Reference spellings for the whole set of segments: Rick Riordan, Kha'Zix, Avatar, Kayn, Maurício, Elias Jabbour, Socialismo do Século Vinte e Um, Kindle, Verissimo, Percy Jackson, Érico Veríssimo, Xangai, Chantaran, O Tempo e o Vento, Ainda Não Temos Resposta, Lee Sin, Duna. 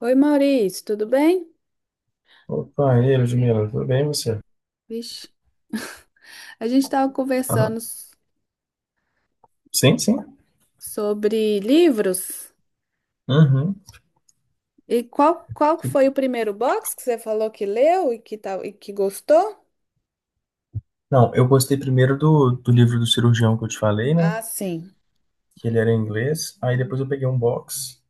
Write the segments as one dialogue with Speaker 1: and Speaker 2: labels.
Speaker 1: Oi, Maurício, tudo bem?
Speaker 2: Opa, e aí, Ludmila, tudo bem você?
Speaker 1: Vixe, a gente estava
Speaker 2: Aham.
Speaker 1: conversando
Speaker 2: Sim, sim.
Speaker 1: sobre livros.
Speaker 2: Uhum.
Speaker 1: E qual que foi o primeiro box que você falou que leu e que, tal, e que gostou?
Speaker 2: Não, eu gostei primeiro do livro do cirurgião que eu te falei, né?
Speaker 1: Ah, sim.
Speaker 2: Que ele era em inglês. Aí depois eu peguei um box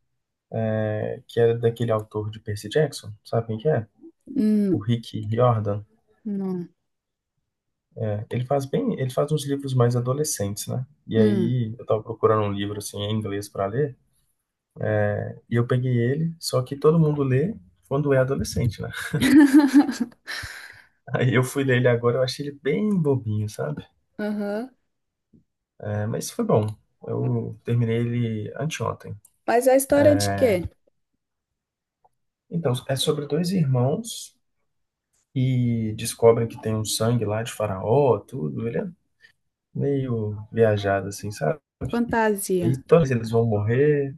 Speaker 2: que era daquele autor de Percy Jackson, sabe quem que é? O
Speaker 1: Hum,
Speaker 2: Rick Riordan.
Speaker 1: não.
Speaker 2: É, ele faz bem, ele faz uns livros mais adolescentes, né? E
Speaker 1: Hum.
Speaker 2: aí eu tava procurando um livro assim em inglês pra ler e eu peguei ele, só que todo mundo lê quando é adolescente, né? Aí eu fui ler ele agora, eu achei ele bem bobinho, sabe?
Speaker 1: Aham.
Speaker 2: É, mas foi bom. Eu terminei ele anteontem.
Speaker 1: Mas a história é de quê?
Speaker 2: Então, é sobre dois irmãos e descobrem que tem um sangue lá de faraó, tudo. Ele é meio viajado, assim, sabe? E
Speaker 1: Fantasia.
Speaker 2: todos eles vão morrer,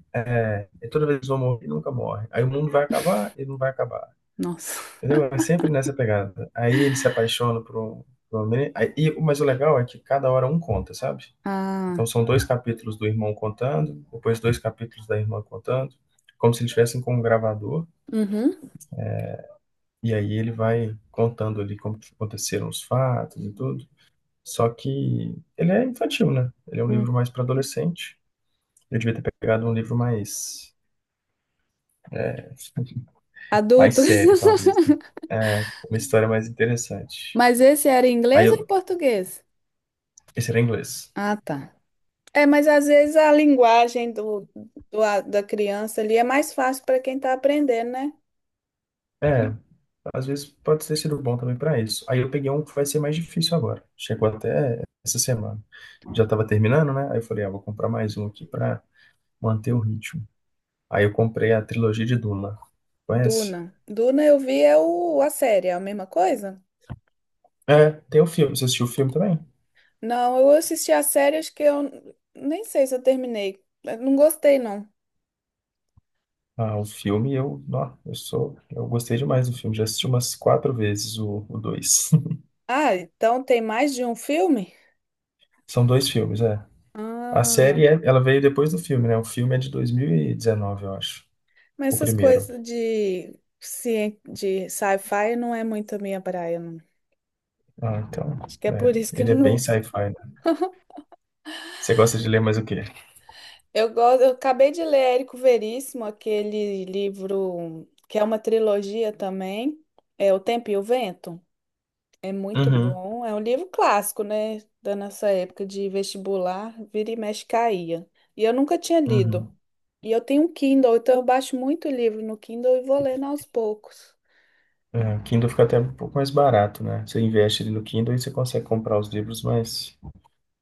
Speaker 2: e toda vez eles vão morrer e nunca morre. Aí o mundo vai acabar e não vai acabar.
Speaker 1: Nossa.
Speaker 2: Entendeu? É sempre nessa pegada. Aí ele se apaixona por uma menina. Mas o legal é que cada hora um conta, sabe? Então
Speaker 1: Ah.
Speaker 2: são dois capítulos do irmão contando, depois dois capítulos da irmã contando, como se eles estivessem com um gravador.
Speaker 1: Uhum.
Speaker 2: E aí ele vai contando ali como que aconteceram os fatos e tudo. Só que ele é infantil, né? Ele é um livro
Speaker 1: Hum.
Speaker 2: mais para adolescente. Eu devia ter pegado um livro mais mais
Speaker 1: Adulto.
Speaker 2: sério, talvez. Né? É, uma história mais interessante.
Speaker 1: Mas esse era em
Speaker 2: Aí
Speaker 1: inglês ou em
Speaker 2: eu,
Speaker 1: português?
Speaker 2: esse era em inglês.
Speaker 1: Ah, tá. É, mas às vezes a linguagem da criança ali é mais fácil para quem está aprendendo, né?
Speaker 2: É, às vezes pode ter sido bom também para isso. Aí eu peguei um que vai ser mais difícil agora. Chegou até essa semana. Já estava terminando, né? Aí eu falei, ah, vou comprar mais um aqui para manter o ritmo. Aí eu comprei a trilogia de Duna. Conhece?
Speaker 1: Duna. Duna eu vi é o, a série, é a mesma coisa?
Speaker 2: É, tem o filme. Você assistiu o filme também?
Speaker 1: Não, eu assisti a série, acho que eu nem sei se eu terminei. Eu não gostei, não.
Speaker 2: Ah, o filme eu, não, eu sou, eu gostei demais do filme. Já assisti umas quatro vezes o dois.
Speaker 1: Ah, então tem mais de um filme?
Speaker 2: São dois filmes, é. A
Speaker 1: Ah,
Speaker 2: série, é, ela veio depois do filme, né? O filme é de 2019, eu acho.
Speaker 1: mas
Speaker 2: O
Speaker 1: essas
Speaker 2: primeiro.
Speaker 1: coisas de, de sci-fi não é muito a minha praia, não.
Speaker 2: Ah, então,
Speaker 1: Acho que é
Speaker 2: é.
Speaker 1: por isso que eu
Speaker 2: Ele é
Speaker 1: não
Speaker 2: bem
Speaker 1: gosto.
Speaker 2: sci-fi, né? Você gosta de ler mais o quê?
Speaker 1: Eu gosto, eu acabei de ler Érico Veríssimo, aquele livro que é uma trilogia também, é O Tempo e o Vento. É muito
Speaker 2: Uhum,
Speaker 1: bom, é um livro clássico, né, da nossa época de vestibular, vira e mexe caía. E eu nunca tinha lido.
Speaker 2: uhum.
Speaker 1: E eu tenho um Kindle, então eu baixo muito livro no Kindle e vou lendo aos poucos.
Speaker 2: É, o Kindle fica até um pouco mais barato, né? Você investe ali no Kindle e você consegue comprar os livros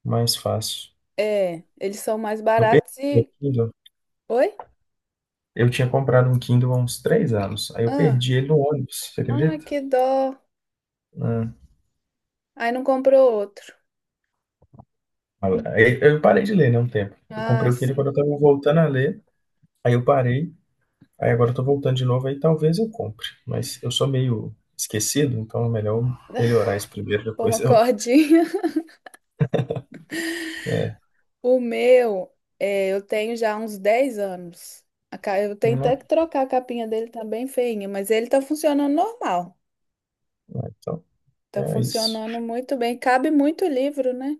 Speaker 2: mais fácil.
Speaker 1: É, eles são mais
Speaker 2: Eu perdi
Speaker 1: baratos
Speaker 2: o
Speaker 1: e...
Speaker 2: Kindle.
Speaker 1: Oi?
Speaker 2: Eu tinha comprado um Kindle há uns 3 anos. Aí eu
Speaker 1: Ah,
Speaker 2: perdi ele no ônibus, você
Speaker 1: ah,
Speaker 2: acredita?
Speaker 1: que dó.
Speaker 2: Ah,
Speaker 1: Aí não comprou outro.
Speaker 2: aí eu parei de ler, né, um tempo. Eu
Speaker 1: Ah,
Speaker 2: comprei o Kindle
Speaker 1: sim.
Speaker 2: quando eu estava voltando a ler. Aí eu parei. Aí agora eu tô voltando de novo, aí talvez eu compre. Mas eu sou meio esquecido, então é melhor eu melhorar isso primeiro,
Speaker 1: Pô,
Speaker 2: depois
Speaker 1: uma
Speaker 2: eu...
Speaker 1: cordinha.
Speaker 2: É,
Speaker 1: O meu, é, eu tenho já uns 10 anos. Eu tenho até
Speaker 2: né?
Speaker 1: que trocar a capinha dele, tá bem feinha, mas ele tá funcionando normal.
Speaker 2: Então,
Speaker 1: Tá
Speaker 2: é isso.
Speaker 1: funcionando muito bem. Cabe muito livro, né?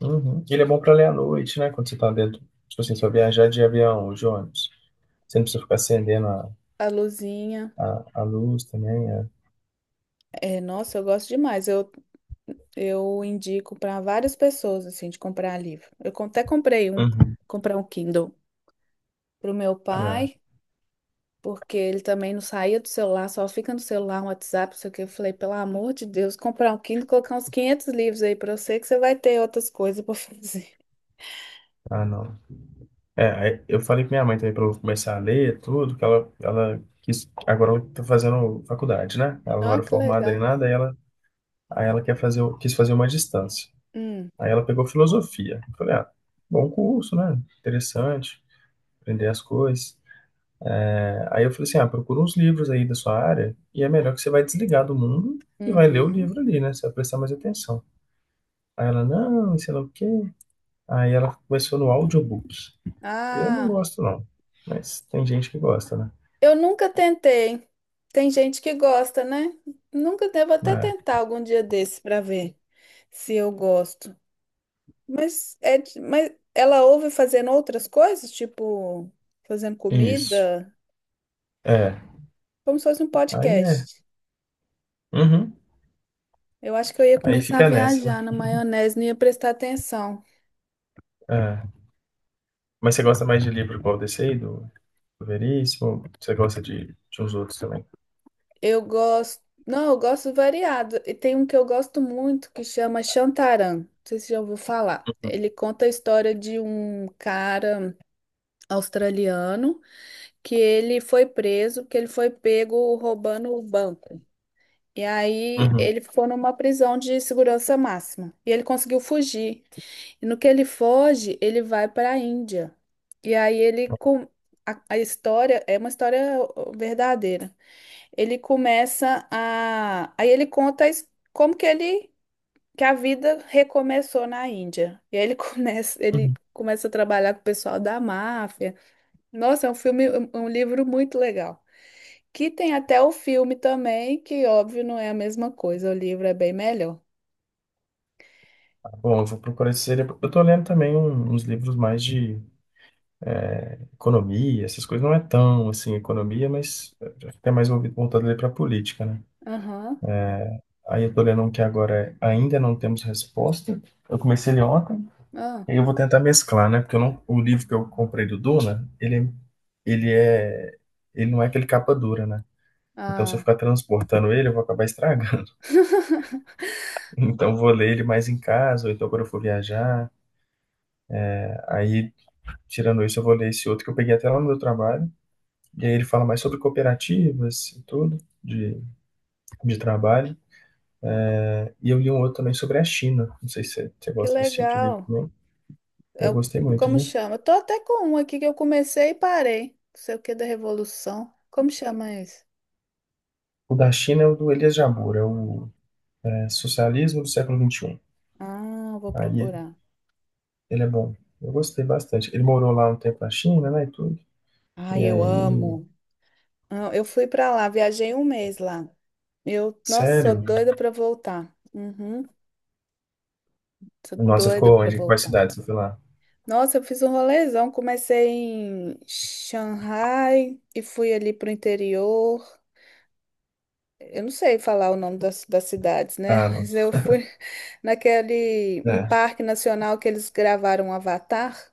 Speaker 2: Uhum. Ele é bom pra ler à noite, né? Quando você tá dentro... Tipo assim, se for viajar de avião ou de ônibus. Você não precisa ficar acendendo
Speaker 1: A luzinha.
Speaker 2: a luz também. É.
Speaker 1: É, nossa, eu gosto demais. Eu indico para várias pessoas, assim, de comprar livro. Até comprei um,
Speaker 2: Uhum.
Speaker 1: comprar um Kindle pro meu
Speaker 2: É.
Speaker 1: pai porque ele também não saía do celular, só fica no celular, no WhatsApp, não sei o que. Eu falei, pelo amor de Deus, comprar um Kindle, colocar uns 500 livros aí pra você, que você vai ter outras coisas pra fazer.
Speaker 2: Ah, não. É, aí eu falei com minha mãe também para eu começar a ler tudo, que ela quis, agora ela tá fazendo faculdade, né? Ela não era
Speaker 1: Ó, que
Speaker 2: formada em
Speaker 1: legal.
Speaker 2: nada, aí ela quer fazer, quis fazer uma distância.
Speaker 1: Hum,
Speaker 2: Aí ela pegou filosofia. Eu falei, ah, bom curso, né? Interessante, aprender as coisas. É, aí eu falei assim, ah, procura uns livros aí da sua área e é melhor que você vai desligar do mundo e vai ler o
Speaker 1: uhum.
Speaker 2: livro ali, né? Você vai prestar mais atenção. Aí ela, não, e sei lá o quê. Aí ela começou no audiobook. Eu não
Speaker 1: Ah,
Speaker 2: gosto, não, mas tem gente que gosta, né?
Speaker 1: eu nunca tentei. Tem gente que gosta, né? Nunca devo até tentar algum dia desse pra ver se eu gosto. Mas é, mas ela ouve fazendo outras coisas, tipo fazendo
Speaker 2: Isso.
Speaker 1: comida,
Speaker 2: É.
Speaker 1: como se fosse um
Speaker 2: Aí é.
Speaker 1: podcast.
Speaker 2: Uhum.
Speaker 1: Eu acho que eu ia
Speaker 2: Aí
Speaker 1: começar a
Speaker 2: fica nessa, né.
Speaker 1: viajar na maionese, não ia prestar atenção.
Speaker 2: É. Mas você gosta mais de livro qual desse aí, do Veríssimo? Você gosta de uns outros também?
Speaker 1: Eu gosto. Não, eu gosto variado. E tem um que eu gosto muito que chama Chantaran. Não sei se já ouviu falar. Ele conta a história de um cara australiano que ele foi preso, que ele foi pego roubando o banco. E aí
Speaker 2: Uhum.
Speaker 1: ele ficou numa prisão de segurança máxima. E ele conseguiu fugir. E no que ele foge, ele vai para a Índia. E aí ele com a história é uma história verdadeira. Ele começa a aí ele conta a como que ele que a vida recomeçou na Índia. E aí ele começa ele
Speaker 2: Uhum.
Speaker 1: começa a trabalhar com o pessoal da máfia. Nossa, é um filme, um livro muito legal. Que tem até o filme também, que óbvio não é a mesma coisa, o livro é bem melhor.
Speaker 2: Tá bom, eu vou procurar esse livro. Eu tô lendo também uns livros mais de economia, essas coisas. Não é tão, assim, economia, mas até mais volvi voltado ali para política, né.
Speaker 1: Aham.
Speaker 2: Aí eu tô lendo um que agora é Ainda Não Temos Resposta. Eu comecei ele ontem.
Speaker 1: Ah,
Speaker 2: Eu vou tentar mesclar, né? Porque eu não, o livro que eu comprei do Duna, ele é, ele não é aquele capa dura, né? Então, se eu
Speaker 1: ah.
Speaker 2: ficar transportando ele, eu vou acabar estragando. Então, eu vou ler ele mais em casa, ou então quando eu for viajar. Aí, tirando isso, eu vou ler esse outro que eu peguei até lá no meu trabalho. E aí ele fala mais sobre cooperativas e tudo, de trabalho. E eu li um outro também sobre a China. Não sei se você
Speaker 1: Que
Speaker 2: gosta desse tipo de livro
Speaker 1: legal.
Speaker 2: também. Eu
Speaker 1: Eu,
Speaker 2: gostei muito,
Speaker 1: como
Speaker 2: viu?
Speaker 1: chama? Eu tô até com um aqui que eu comecei e parei. Não sei o que da Revolução. Como chama esse?
Speaker 2: O da China é o do Elias Jabbour, é o é, Socialismo do Século 21.
Speaker 1: Ah, eu vou
Speaker 2: Aí
Speaker 1: procurar.
Speaker 2: ele é bom. Eu gostei bastante. Ele morou lá um tempo na China, né, e tudo. E
Speaker 1: Ai, eu
Speaker 2: aí,
Speaker 1: amo. Ah, eu fui pra lá, viajei um mês lá. Eu, nossa, sou
Speaker 2: sério?
Speaker 1: doida pra voltar. Uhum, sou
Speaker 2: Nossa,
Speaker 1: doida
Speaker 2: ficou
Speaker 1: pra
Speaker 2: onde? Quais
Speaker 1: voltar.
Speaker 2: cidades você foi lá?
Speaker 1: Nossa, eu fiz um rolezão. Comecei em Xangai e fui ali pro interior. Eu não sei falar o nome das cidades, né?
Speaker 2: Ah, não.
Speaker 1: Mas eu fui naquele um
Speaker 2: É.
Speaker 1: parque nacional que eles gravaram Avatar.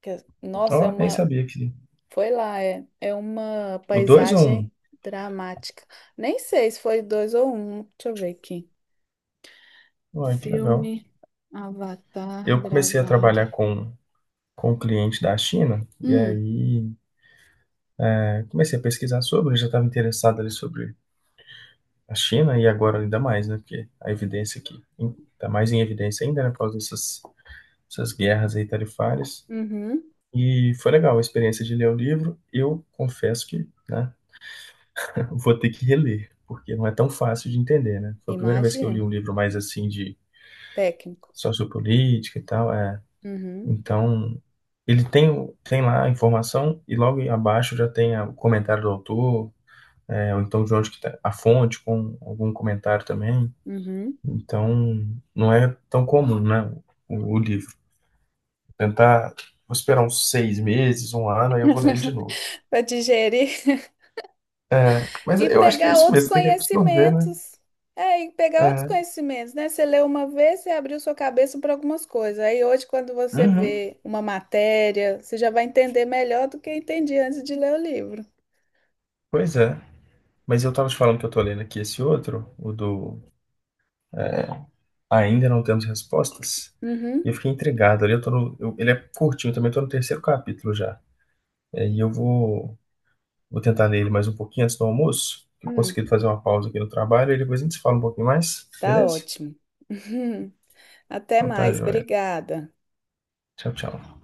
Speaker 1: Nossa, é
Speaker 2: Ó, nem
Speaker 1: uma.
Speaker 2: sabia que...
Speaker 1: Foi lá, é, é uma
Speaker 2: O 2 ou
Speaker 1: paisagem dramática. Nem sei se foi dois ou um. Deixa eu ver aqui.
Speaker 2: um? Ai, que legal.
Speaker 1: Filme Avatar
Speaker 2: Eu comecei a trabalhar
Speaker 1: gravando.
Speaker 2: com um cliente da China, e
Speaker 1: Hum,
Speaker 2: aí comecei a pesquisar sobre, já estava interessado ali sobre a China, e agora ainda mais, né, porque a evidência aqui está mais em evidência ainda, né, por causa dessas guerras aí tarifárias.
Speaker 1: uhum,
Speaker 2: E foi legal a experiência de ler o livro. Eu confesso que, né, vou ter que reler, porque não é tão fácil de entender, né? Foi a primeira vez que eu li
Speaker 1: imagino.
Speaker 2: um livro mais assim de
Speaker 1: Técnico.
Speaker 2: sociopolítica e tal, é.
Speaker 1: Uhum,
Speaker 2: Então, ele tem, tem lá a informação e logo abaixo já tem o comentário do autor, é, ou então de onde que tá a fonte com algum comentário também.
Speaker 1: uhum.
Speaker 2: Então, não é tão comum, né, o livro. Tentar, vou esperar uns 6 meses, um ano, aí eu vou ler ele de novo.
Speaker 1: Para digerir.
Speaker 2: É, mas
Speaker 1: E
Speaker 2: eu acho que é
Speaker 1: pegar
Speaker 2: isso
Speaker 1: outros
Speaker 2: mesmo, tem que absorver, né?
Speaker 1: conhecimentos. É, e pegar outros
Speaker 2: É.
Speaker 1: conhecimentos, né? Você leu uma vez, você abriu sua cabeça para algumas coisas. Aí hoje, quando você
Speaker 2: Uhum,
Speaker 1: vê uma matéria, você já vai entender melhor do que entendia antes de ler o livro.
Speaker 2: pois é. Mas eu tava te falando que eu tô lendo aqui esse outro, o do é, Ainda Não Temos Respostas, e
Speaker 1: Uhum.
Speaker 2: eu fiquei intrigado ali. Eu tô no, eu- Ele é curtinho também, eu tô no terceiro capítulo já. É, vou tentar ler ele mais um pouquinho antes do almoço, que eu
Speaker 1: Hum,
Speaker 2: consegui fazer uma pausa aqui no trabalho, e depois a gente se fala um pouquinho mais,
Speaker 1: tá
Speaker 2: beleza?
Speaker 1: ótimo. Até
Speaker 2: Então tá,
Speaker 1: mais,
Speaker 2: joia.
Speaker 1: obrigada.
Speaker 2: Tchau, tchau.